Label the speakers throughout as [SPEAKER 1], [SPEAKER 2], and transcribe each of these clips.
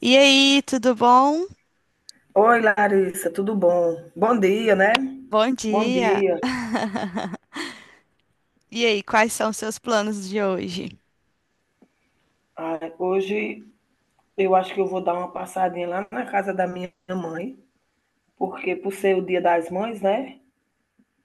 [SPEAKER 1] E aí, tudo bom?
[SPEAKER 2] Oi, Larissa, tudo bom? Bom dia, né?
[SPEAKER 1] Bom
[SPEAKER 2] Bom
[SPEAKER 1] dia.
[SPEAKER 2] dia.
[SPEAKER 1] E aí, quais são os seus planos de hoje?
[SPEAKER 2] Ai, hoje eu acho que eu vou dar uma passadinha lá na casa da minha mãe, porque por ser o Dia das Mães, né?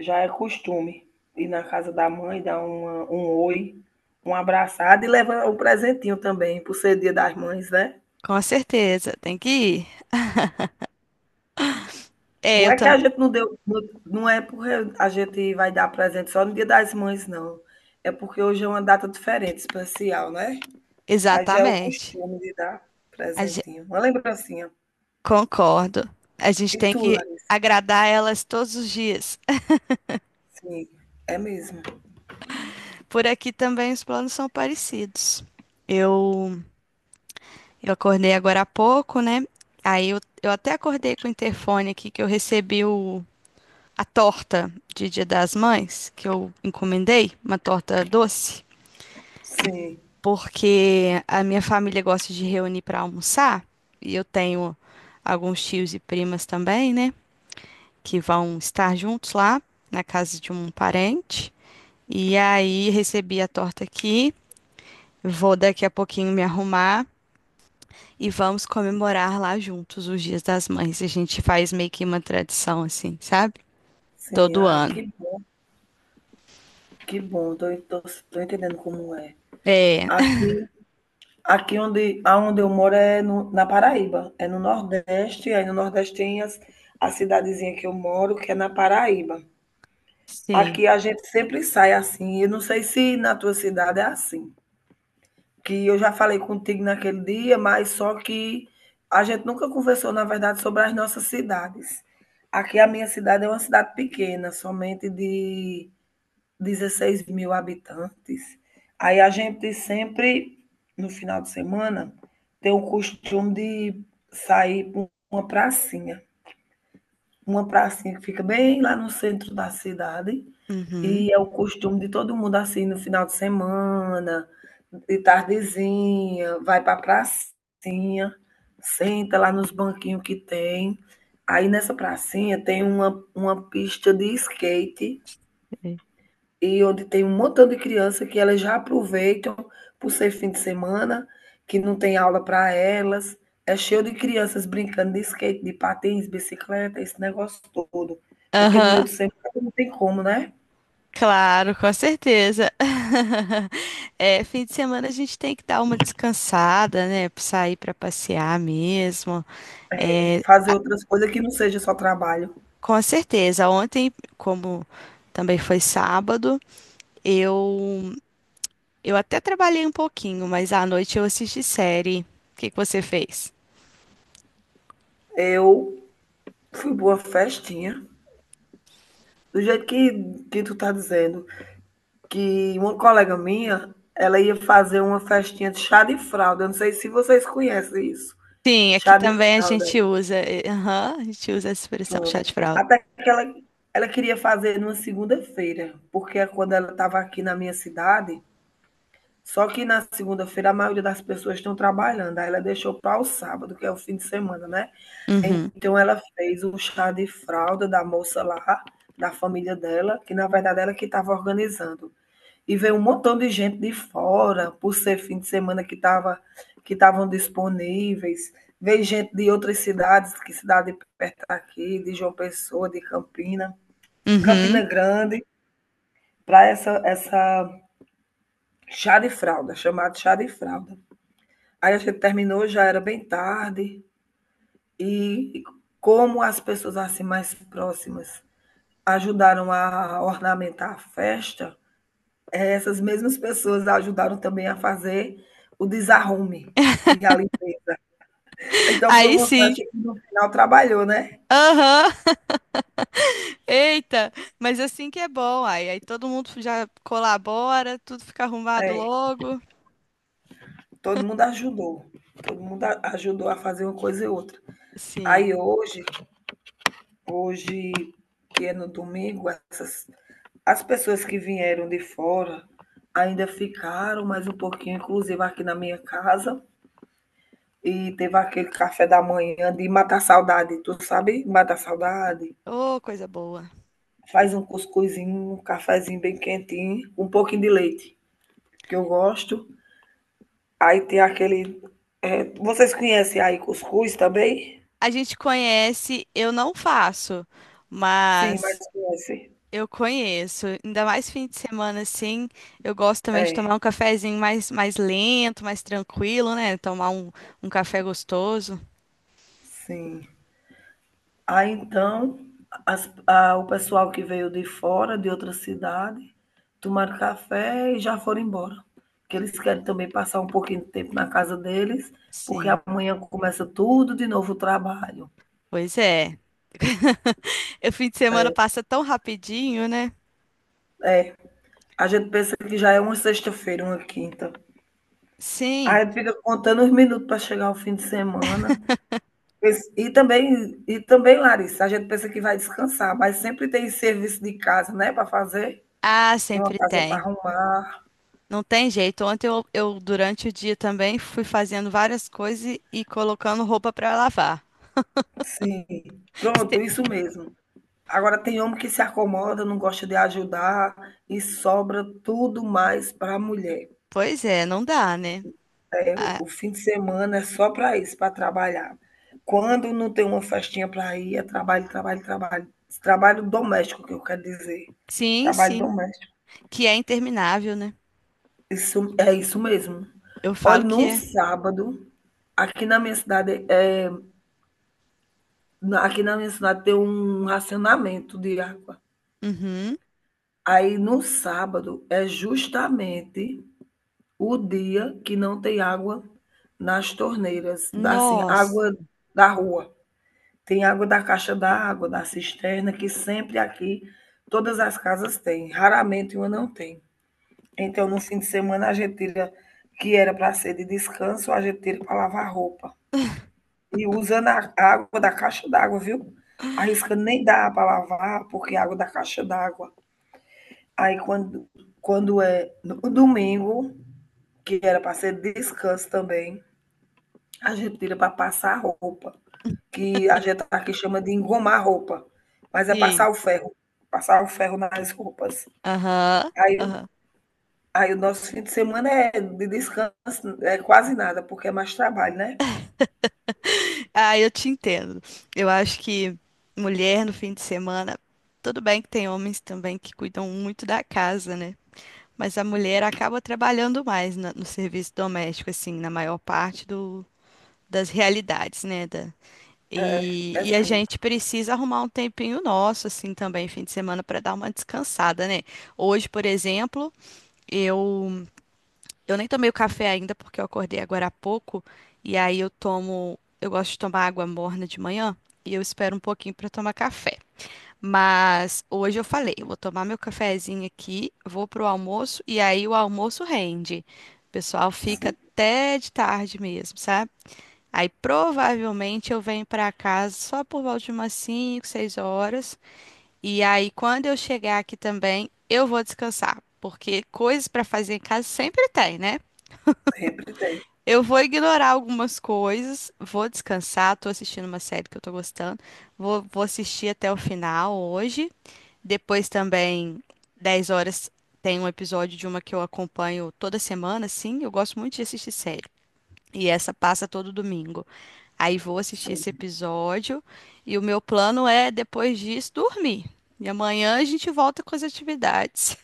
[SPEAKER 2] Já é costume ir na casa da mãe, dar um oi, um abraçado e levar um presentinho também, por ser Dia das Mães, né?
[SPEAKER 1] Com certeza, tem que ir. É,
[SPEAKER 2] Não
[SPEAKER 1] eu
[SPEAKER 2] é que
[SPEAKER 1] também.
[SPEAKER 2] a gente não deu, não. Não é porque a gente vai dar presente só no Dia das Mães, não. É porque hoje é uma data diferente, especial, né? Aí já é o
[SPEAKER 1] Exatamente.
[SPEAKER 2] costume de dar
[SPEAKER 1] A ge-
[SPEAKER 2] presentinho, uma lembrancinha.
[SPEAKER 1] Concordo. A gente
[SPEAKER 2] E
[SPEAKER 1] tem
[SPEAKER 2] tu,
[SPEAKER 1] que
[SPEAKER 2] Larissa?
[SPEAKER 1] agradar elas todos os dias.
[SPEAKER 2] Sim, é mesmo.
[SPEAKER 1] Por aqui também os planos são parecidos. Eu, eu acordei agora há pouco, né? Aí eu até acordei com o interfone aqui que eu recebi a torta de Dia das Mães, que eu encomendei, uma torta doce.
[SPEAKER 2] Sim,
[SPEAKER 1] Porque a minha família gosta de reunir para almoçar e eu tenho alguns tios e primas também, né, que vão estar juntos lá na casa de um parente. E aí recebi a torta aqui, vou daqui a pouquinho me arrumar e vamos comemorar lá juntos os Dias das Mães. A gente faz meio que uma tradição assim, sabe?
[SPEAKER 2] sim.
[SPEAKER 1] Todo
[SPEAKER 2] Ai,
[SPEAKER 1] ano.
[SPEAKER 2] que bom, que bom. Tô entendendo como é.
[SPEAKER 1] É,
[SPEAKER 2] Aqui, aqui aonde eu moro é na Paraíba, é no Nordeste, aí no Nordeste tem a cidadezinha que eu moro, que é na Paraíba.
[SPEAKER 1] sim.
[SPEAKER 2] Aqui a gente sempre sai assim, eu não sei se na tua cidade é assim. Que eu já falei contigo naquele dia, mas só que a gente nunca conversou, na verdade, sobre as nossas cidades. Aqui a minha cidade é uma cidade pequena, somente de 16 mil habitantes. Aí a gente sempre, no final de semana, tem o costume de sair para uma pracinha. Uma pracinha que fica bem lá no centro da cidade. E
[SPEAKER 1] Uhum.
[SPEAKER 2] é o costume de todo mundo, assim, no final de semana, de tardezinha, vai para a pracinha, senta lá nos banquinhos que tem. Aí nessa pracinha tem uma pista de skate
[SPEAKER 1] É.
[SPEAKER 2] e onde tem um montão de criança que elas já aproveitam, por ser fim de semana, que não tem aula para elas. É cheio de crianças brincando de skate, de patins, bicicleta, esse negócio todo, porque no meio
[SPEAKER 1] Aham.
[SPEAKER 2] do semana não tem como, né?
[SPEAKER 1] Claro, com certeza. É, fim de semana a gente tem que dar uma descansada, né? Sair para passear mesmo. É,
[SPEAKER 2] Fazer outras coisas que não seja só trabalho.
[SPEAKER 1] com certeza. Ontem, como também foi sábado, eu até trabalhei um pouquinho, mas à noite eu assisti série. O que que você fez?
[SPEAKER 2] Eu fui boa festinha. Do jeito que tu tá dizendo, que uma colega minha, ela ia fazer uma festinha de chá de fralda. Eu não sei se vocês conhecem isso.
[SPEAKER 1] Sim, aqui
[SPEAKER 2] Chá de
[SPEAKER 1] também a
[SPEAKER 2] fralda.
[SPEAKER 1] gente usa, aham, a gente usa essa expressão, chá
[SPEAKER 2] Pronto.
[SPEAKER 1] de fralda.
[SPEAKER 2] Até que ela queria fazer numa segunda-feira, porque é quando ela estava aqui na minha cidade, só que na segunda-feira a maioria das pessoas estão trabalhando. Aí ela deixou para o sábado, que é o fim de semana, né?
[SPEAKER 1] Uhum,
[SPEAKER 2] Então ela fez o chá de fralda da moça lá, da família dela, que na verdade ela que estava organizando. E veio um montão de gente de fora, por ser fim de semana que estavam disponíveis. Veio gente de outras cidades, que cidade perto daqui, de João Pessoa, de Campina, Campina
[SPEAKER 1] uhum.
[SPEAKER 2] Grande, para essa chá de fralda, chamado chá de fralda. Aí a gente terminou, já era bem tarde, e como as pessoas assim mais próximas ajudaram a ornamentar a festa, é, essas mesmas pessoas ajudaram também a fazer o desarrume e a limpeza. Então foi
[SPEAKER 1] Aí
[SPEAKER 2] uma festa
[SPEAKER 1] sim.
[SPEAKER 2] que no final trabalhou, né?
[SPEAKER 1] Aham. Eita, mas assim que é bom, aí, aí todo mundo já colabora, tudo fica arrumado
[SPEAKER 2] É,
[SPEAKER 1] logo.
[SPEAKER 2] todo mundo ajudou. Todo mundo ajudou a fazer uma coisa e outra.
[SPEAKER 1] Sim.
[SPEAKER 2] Aí hoje que é no domingo, essas as pessoas que vieram de fora ainda ficaram mais um pouquinho, inclusive aqui na minha casa. E teve aquele café da manhã de matar saudade, tu sabe? Matar saudade.
[SPEAKER 1] Ô, coisa boa.
[SPEAKER 2] Faz um cuscuzinho, um cafezinho bem quentinho, um pouquinho de leite, que eu gosto. Aí tem aquele. É, vocês conhecem aí cuscuz também?
[SPEAKER 1] A gente conhece, eu não faço,
[SPEAKER 2] Sim, mas
[SPEAKER 1] mas
[SPEAKER 2] conhecem.
[SPEAKER 1] eu conheço. Ainda mais fim de semana assim, eu gosto também de
[SPEAKER 2] É,
[SPEAKER 1] tomar um cafezinho mais, mais lento, mais tranquilo, né? Tomar um café gostoso.
[SPEAKER 2] sim. Aí então, o pessoal que veio de fora, de outra cidade, tomaram café e já foram embora. Porque eles querem também passar um pouquinho de tempo na casa deles, porque
[SPEAKER 1] Sim,
[SPEAKER 2] amanhã começa tudo de novo o trabalho.
[SPEAKER 1] pois é. O fim de semana
[SPEAKER 2] É,
[SPEAKER 1] passa tão rapidinho, né?
[SPEAKER 2] é. A gente pensa que já é uma sexta-feira, uma quinta.
[SPEAKER 1] Sim.
[SPEAKER 2] Aí a gente fica contando os minutos para chegar ao fim de semana. E também, Larissa, a gente pensa que vai descansar, mas sempre tem serviço de casa, né, para fazer.
[SPEAKER 1] Ah,
[SPEAKER 2] Tem uma
[SPEAKER 1] sempre
[SPEAKER 2] casa para
[SPEAKER 1] tem.
[SPEAKER 2] arrumar.
[SPEAKER 1] Não tem jeito. Ontem durante o dia também, fui fazendo várias coisas e colocando roupa para lavar.
[SPEAKER 2] Sim, pronto,
[SPEAKER 1] Este-
[SPEAKER 2] isso mesmo. Agora tem homem que se acomoda, não gosta de ajudar e sobra tudo mais para a mulher.
[SPEAKER 1] Pois é, não dá, né?
[SPEAKER 2] É, o
[SPEAKER 1] Ah,
[SPEAKER 2] o fim de semana é só para isso, para trabalhar. Quando não tem uma festinha para ir, é trabalho, trabalho, trabalho. Trabalho doméstico que eu quero dizer.
[SPEAKER 1] sim,
[SPEAKER 2] Trabalho
[SPEAKER 1] sim.
[SPEAKER 2] doméstico.
[SPEAKER 1] Que é interminável, né?
[SPEAKER 2] Isso é isso mesmo.
[SPEAKER 1] Eu
[SPEAKER 2] Olha,
[SPEAKER 1] falo que
[SPEAKER 2] no
[SPEAKER 1] é.
[SPEAKER 2] sábado, aqui na minha cidade, é, aqui na minha cidade tem um racionamento de água.
[SPEAKER 1] Uhum.
[SPEAKER 2] Aí no sábado é justamente o dia que não tem água nas torneiras, da assim,
[SPEAKER 1] Nossa.
[SPEAKER 2] água da rua. Tem água da caixa d'água, da cisterna, que sempre aqui todas as casas têm, raramente uma não tem. Então no fim de semana a gente tira que era para ser de descanso, a gente tira para lavar roupa. E usando a água da caixa d'água, viu? Arrisca nem dá para lavar, porque é água da caixa d'água. Aí quando é no domingo, que era para ser descanso também, a gente tira para passar roupa, que a gente aqui chama de engomar roupa, mas é
[SPEAKER 1] Sim.
[SPEAKER 2] passar o ferro nas roupas.
[SPEAKER 1] Aham.
[SPEAKER 2] Aí,
[SPEAKER 1] Aham.
[SPEAKER 2] aí o nosso fim de semana é de descanso, é quase nada, porque é mais trabalho, né?
[SPEAKER 1] Ah, eu te entendo. Eu acho que mulher no fim de semana, tudo bem que tem homens também que cuidam muito da casa, né? Mas a mulher acaba trabalhando mais no serviço doméstico, assim, na maior parte do das realidades, né?
[SPEAKER 2] É,
[SPEAKER 1] E,
[SPEAKER 2] é
[SPEAKER 1] e a
[SPEAKER 2] sim,
[SPEAKER 1] gente precisa arrumar um tempinho nosso, assim, também, fim de semana, para dar uma descansada, né? Hoje, por exemplo, eu, eu nem tomei o café ainda porque eu acordei agora há pouco, e aí eu tomo, eu gosto de tomar água morna de manhã. E eu espero um pouquinho para tomar café. Mas hoje eu falei, eu vou tomar meu cafezinho aqui, vou pro almoço e aí o almoço rende. O pessoal fica
[SPEAKER 2] sim,
[SPEAKER 1] até de tarde mesmo, sabe? Aí provavelmente eu venho para casa só por volta de umas 5, 6 horas. E aí quando eu chegar aqui também, eu vou descansar, porque coisas para fazer em casa sempre tem, né?
[SPEAKER 2] sempre tem.
[SPEAKER 1] Eu vou ignorar algumas coisas, vou descansar, tô assistindo uma série que eu tô gostando. Vou assistir até o final hoje. Depois também, 10 horas, tem um episódio de uma que eu acompanho toda semana, assim. Eu gosto muito de assistir série. E essa passa todo domingo. Aí vou assistir esse
[SPEAKER 2] Sim.
[SPEAKER 1] episódio e o meu plano é, depois disso, dormir. E amanhã a gente volta com as atividades.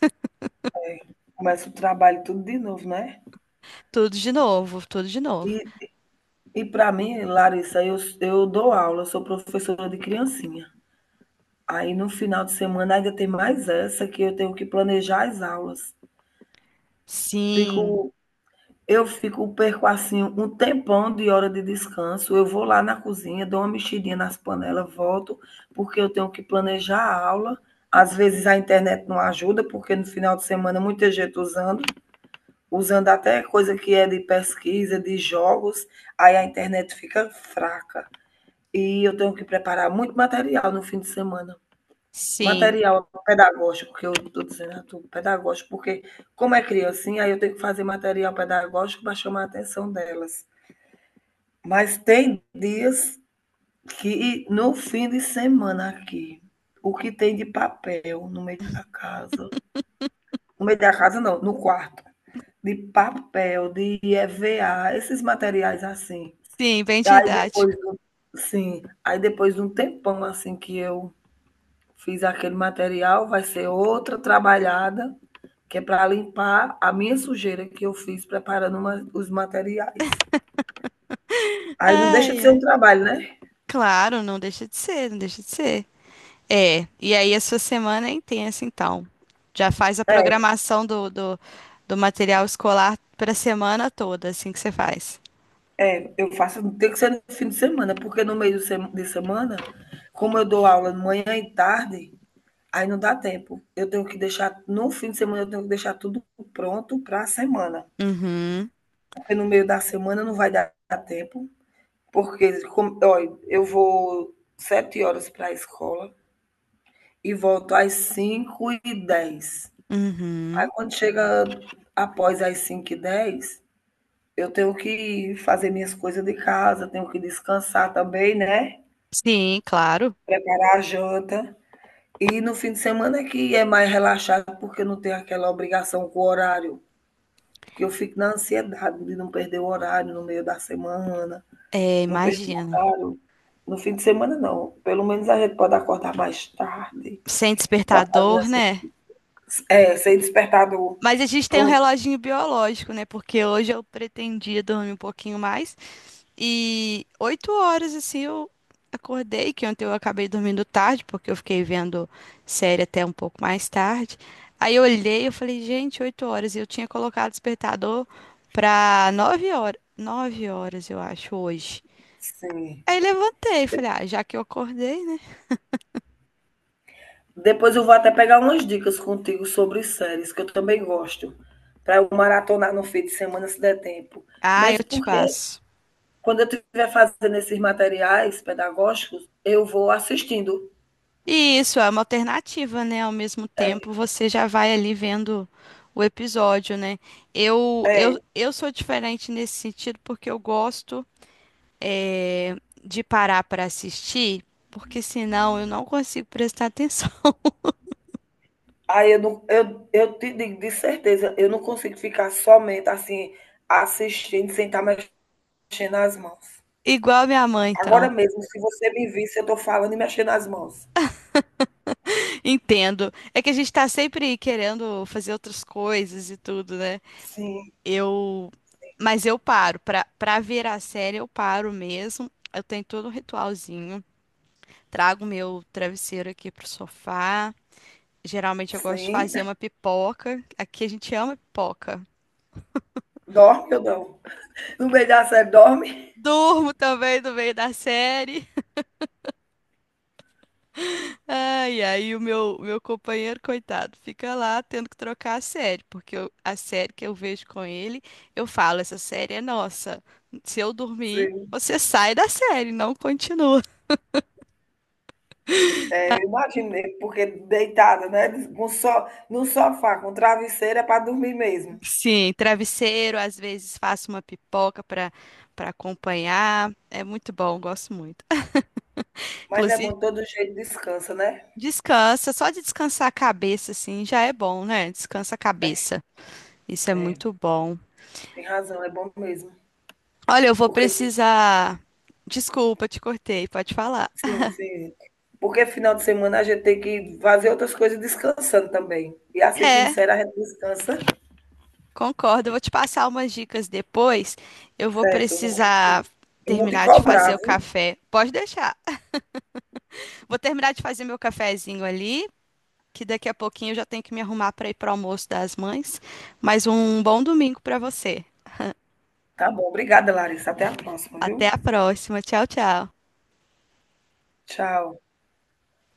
[SPEAKER 2] Começa o trabalho tudo de novo, né?
[SPEAKER 1] Tudo de novo, tudo de novo.
[SPEAKER 2] E, e, para mim, Larissa, eu dou aula, eu sou professora de criancinha. Aí no final de semana ainda tem mais essa que eu tenho que planejar as aulas.
[SPEAKER 1] Sim,
[SPEAKER 2] Fico Eu fico perco, assim, um tempão de hora de descanso, eu vou lá na cozinha, dou uma mexidinha nas panelas, volto, porque eu tenho que planejar a aula. Às vezes a internet não ajuda, porque no final de semana muita gente usando, até coisa que é de pesquisa, de jogos, aí a internet fica fraca. E eu tenho que preparar muito material no fim de semana.
[SPEAKER 1] sim,
[SPEAKER 2] Material pedagógico, que eu estou dizendo, tudo pedagógico, porque como é criancinha, aí eu tenho que fazer material pedagógico para chamar a atenção delas. Mas tem dias que no fim de semana aqui, o que tem de papel no meio da casa, no meio da casa não, no quarto, de papel, de EVA, esses materiais assim.
[SPEAKER 1] sim, bem
[SPEAKER 2] aí depois
[SPEAKER 1] didático.
[SPEAKER 2] do, sim, aí depois de um tempão assim que eu fiz aquele material, vai ser outra trabalhada, que é para limpar a minha sujeira que eu fiz preparando os materiais. Aí não deixa
[SPEAKER 1] Ai,
[SPEAKER 2] de ser um
[SPEAKER 1] ai.
[SPEAKER 2] trabalho, né?
[SPEAKER 1] Claro, não deixa de ser, não deixa de ser. É, e aí a sua semana é intensa, então. Já faz a
[SPEAKER 2] É,
[SPEAKER 1] programação do material escolar para a semana toda, assim que você faz.
[SPEAKER 2] é, eu faço, tem que ser no fim de semana, porque no meio de semana, como eu dou aula de manhã e tarde, aí não dá tempo. Eu tenho que deixar, no fim de semana, eu tenho que deixar tudo pronto para a semana.
[SPEAKER 1] Uhum,
[SPEAKER 2] Porque no meio da semana não vai dar tempo. Porque, como, olha, eu vou 7h para a escola, e volto às 5h10. Aí
[SPEAKER 1] uhum.
[SPEAKER 2] quando chega após as 5h10, eu tenho que fazer minhas coisas de casa, tenho que descansar também, né?
[SPEAKER 1] Sim, claro.
[SPEAKER 2] Preparar a janta. E no fim de semana é que é mais relaxado, porque não tem aquela obrigação com o horário. Que eu fico na ansiedade de não perder o horário no meio da semana,
[SPEAKER 1] É,
[SPEAKER 2] não perder o
[SPEAKER 1] imagino.
[SPEAKER 2] horário. No fim de semana, não. Pelo menos a gente pode acordar mais tarde
[SPEAKER 1] Sem
[SPEAKER 2] para fazer
[SPEAKER 1] despertador,
[SPEAKER 2] essas.
[SPEAKER 1] né?
[SPEAKER 2] É, sem despertador.
[SPEAKER 1] Mas a gente tem um
[SPEAKER 2] Pronto.
[SPEAKER 1] reloginho biológico, né? Porque hoje eu pretendia dormir um pouquinho mais. E 8 horas, assim, eu acordei, que ontem eu acabei dormindo tarde, porque eu fiquei vendo série até um pouco mais tarde. Aí eu olhei, eu falei, gente, 8 horas. E eu tinha colocado despertador pra 9 horas. 9 horas, eu acho, hoje.
[SPEAKER 2] Sim.
[SPEAKER 1] Aí levantei,
[SPEAKER 2] De-
[SPEAKER 1] falei, ah, já que eu acordei, né?
[SPEAKER 2] Depois eu vou até pegar umas dicas contigo sobre séries, que eu também gosto, para eu maratonar no fim de semana, se der tempo.
[SPEAKER 1] Ah, eu
[SPEAKER 2] Mesmo
[SPEAKER 1] te
[SPEAKER 2] porque,
[SPEAKER 1] passo.
[SPEAKER 2] quando eu estiver fazendo esses materiais pedagógicos, eu vou assistindo.
[SPEAKER 1] E isso é uma alternativa, né? Ao mesmo
[SPEAKER 2] É,
[SPEAKER 1] tempo, você já vai ali vendo o episódio, né? Eu, eu,
[SPEAKER 2] é.
[SPEAKER 1] eu sou diferente nesse sentido porque eu gosto eh, de parar para assistir, porque senão eu não consigo prestar atenção.
[SPEAKER 2] Aí eu, não, eu te digo de certeza, eu não consigo ficar somente assim, assistindo, sem estar mexendo as mãos.
[SPEAKER 1] Igual a minha mãe,
[SPEAKER 2] Agora
[SPEAKER 1] então.
[SPEAKER 2] mesmo, se você me visse, eu estou falando e mexendo as mãos.
[SPEAKER 1] Entendo. É que a gente tá sempre querendo fazer outras coisas e tudo, né?
[SPEAKER 2] Sim,
[SPEAKER 1] Eu, mas eu paro. Pra ver a série, eu paro mesmo. Eu tenho todo um ritualzinho. Trago meu travesseiro aqui pro sofá. Geralmente eu gosto de
[SPEAKER 2] sim.
[SPEAKER 1] fazer uma pipoca. Aqui a gente ama pipoca.
[SPEAKER 2] Dorme ou não? No meio da série dorme.
[SPEAKER 1] Durmo também no meio da série. Ai, aí o meu companheiro, coitado, fica lá tendo que trocar a série, porque a série que eu vejo com ele, eu falo, essa série é nossa. Se eu dormir,
[SPEAKER 2] Sim,
[SPEAKER 1] você sai da série, não continua.
[SPEAKER 2] é, eu imaginei, porque deitada, né? Com so, no sofá, com travesseira é para dormir mesmo.
[SPEAKER 1] Sim, travesseiro, às vezes faço uma pipoca para acompanhar. É muito bom, gosto muito.
[SPEAKER 2] Mas é
[SPEAKER 1] Inclusive,
[SPEAKER 2] bom, de todo jeito descansa, né?
[SPEAKER 1] descansa, só de descansar a cabeça, assim, já é bom, né? Descansa a
[SPEAKER 2] É,
[SPEAKER 1] cabeça. Isso é
[SPEAKER 2] é,
[SPEAKER 1] muito bom.
[SPEAKER 2] tem razão, é bom mesmo.
[SPEAKER 1] Olha, eu vou
[SPEAKER 2] Porque,
[SPEAKER 1] precisar. Desculpa, te cortei, pode falar.
[SPEAKER 2] sim, sim. Porque final de semana a gente tem que fazer outras coisas descansando também. E assistindo
[SPEAKER 1] É,
[SPEAKER 2] série a gente descansa.
[SPEAKER 1] concordo. Eu vou te passar umas dicas depois. Eu vou
[SPEAKER 2] Certo,
[SPEAKER 1] precisar
[SPEAKER 2] eu vou te
[SPEAKER 1] terminar de
[SPEAKER 2] cobrar,
[SPEAKER 1] fazer o
[SPEAKER 2] viu?
[SPEAKER 1] café. Pode deixar. Vou terminar de fazer meu cafezinho ali, que daqui a pouquinho eu já tenho que me arrumar para ir para o almoço das mães. Mas um bom domingo para você.
[SPEAKER 2] Tá bom, obrigada, Larissa. Até a próxima,
[SPEAKER 1] Até
[SPEAKER 2] viu?
[SPEAKER 1] a próxima. Tchau, tchau.
[SPEAKER 2] Tchau.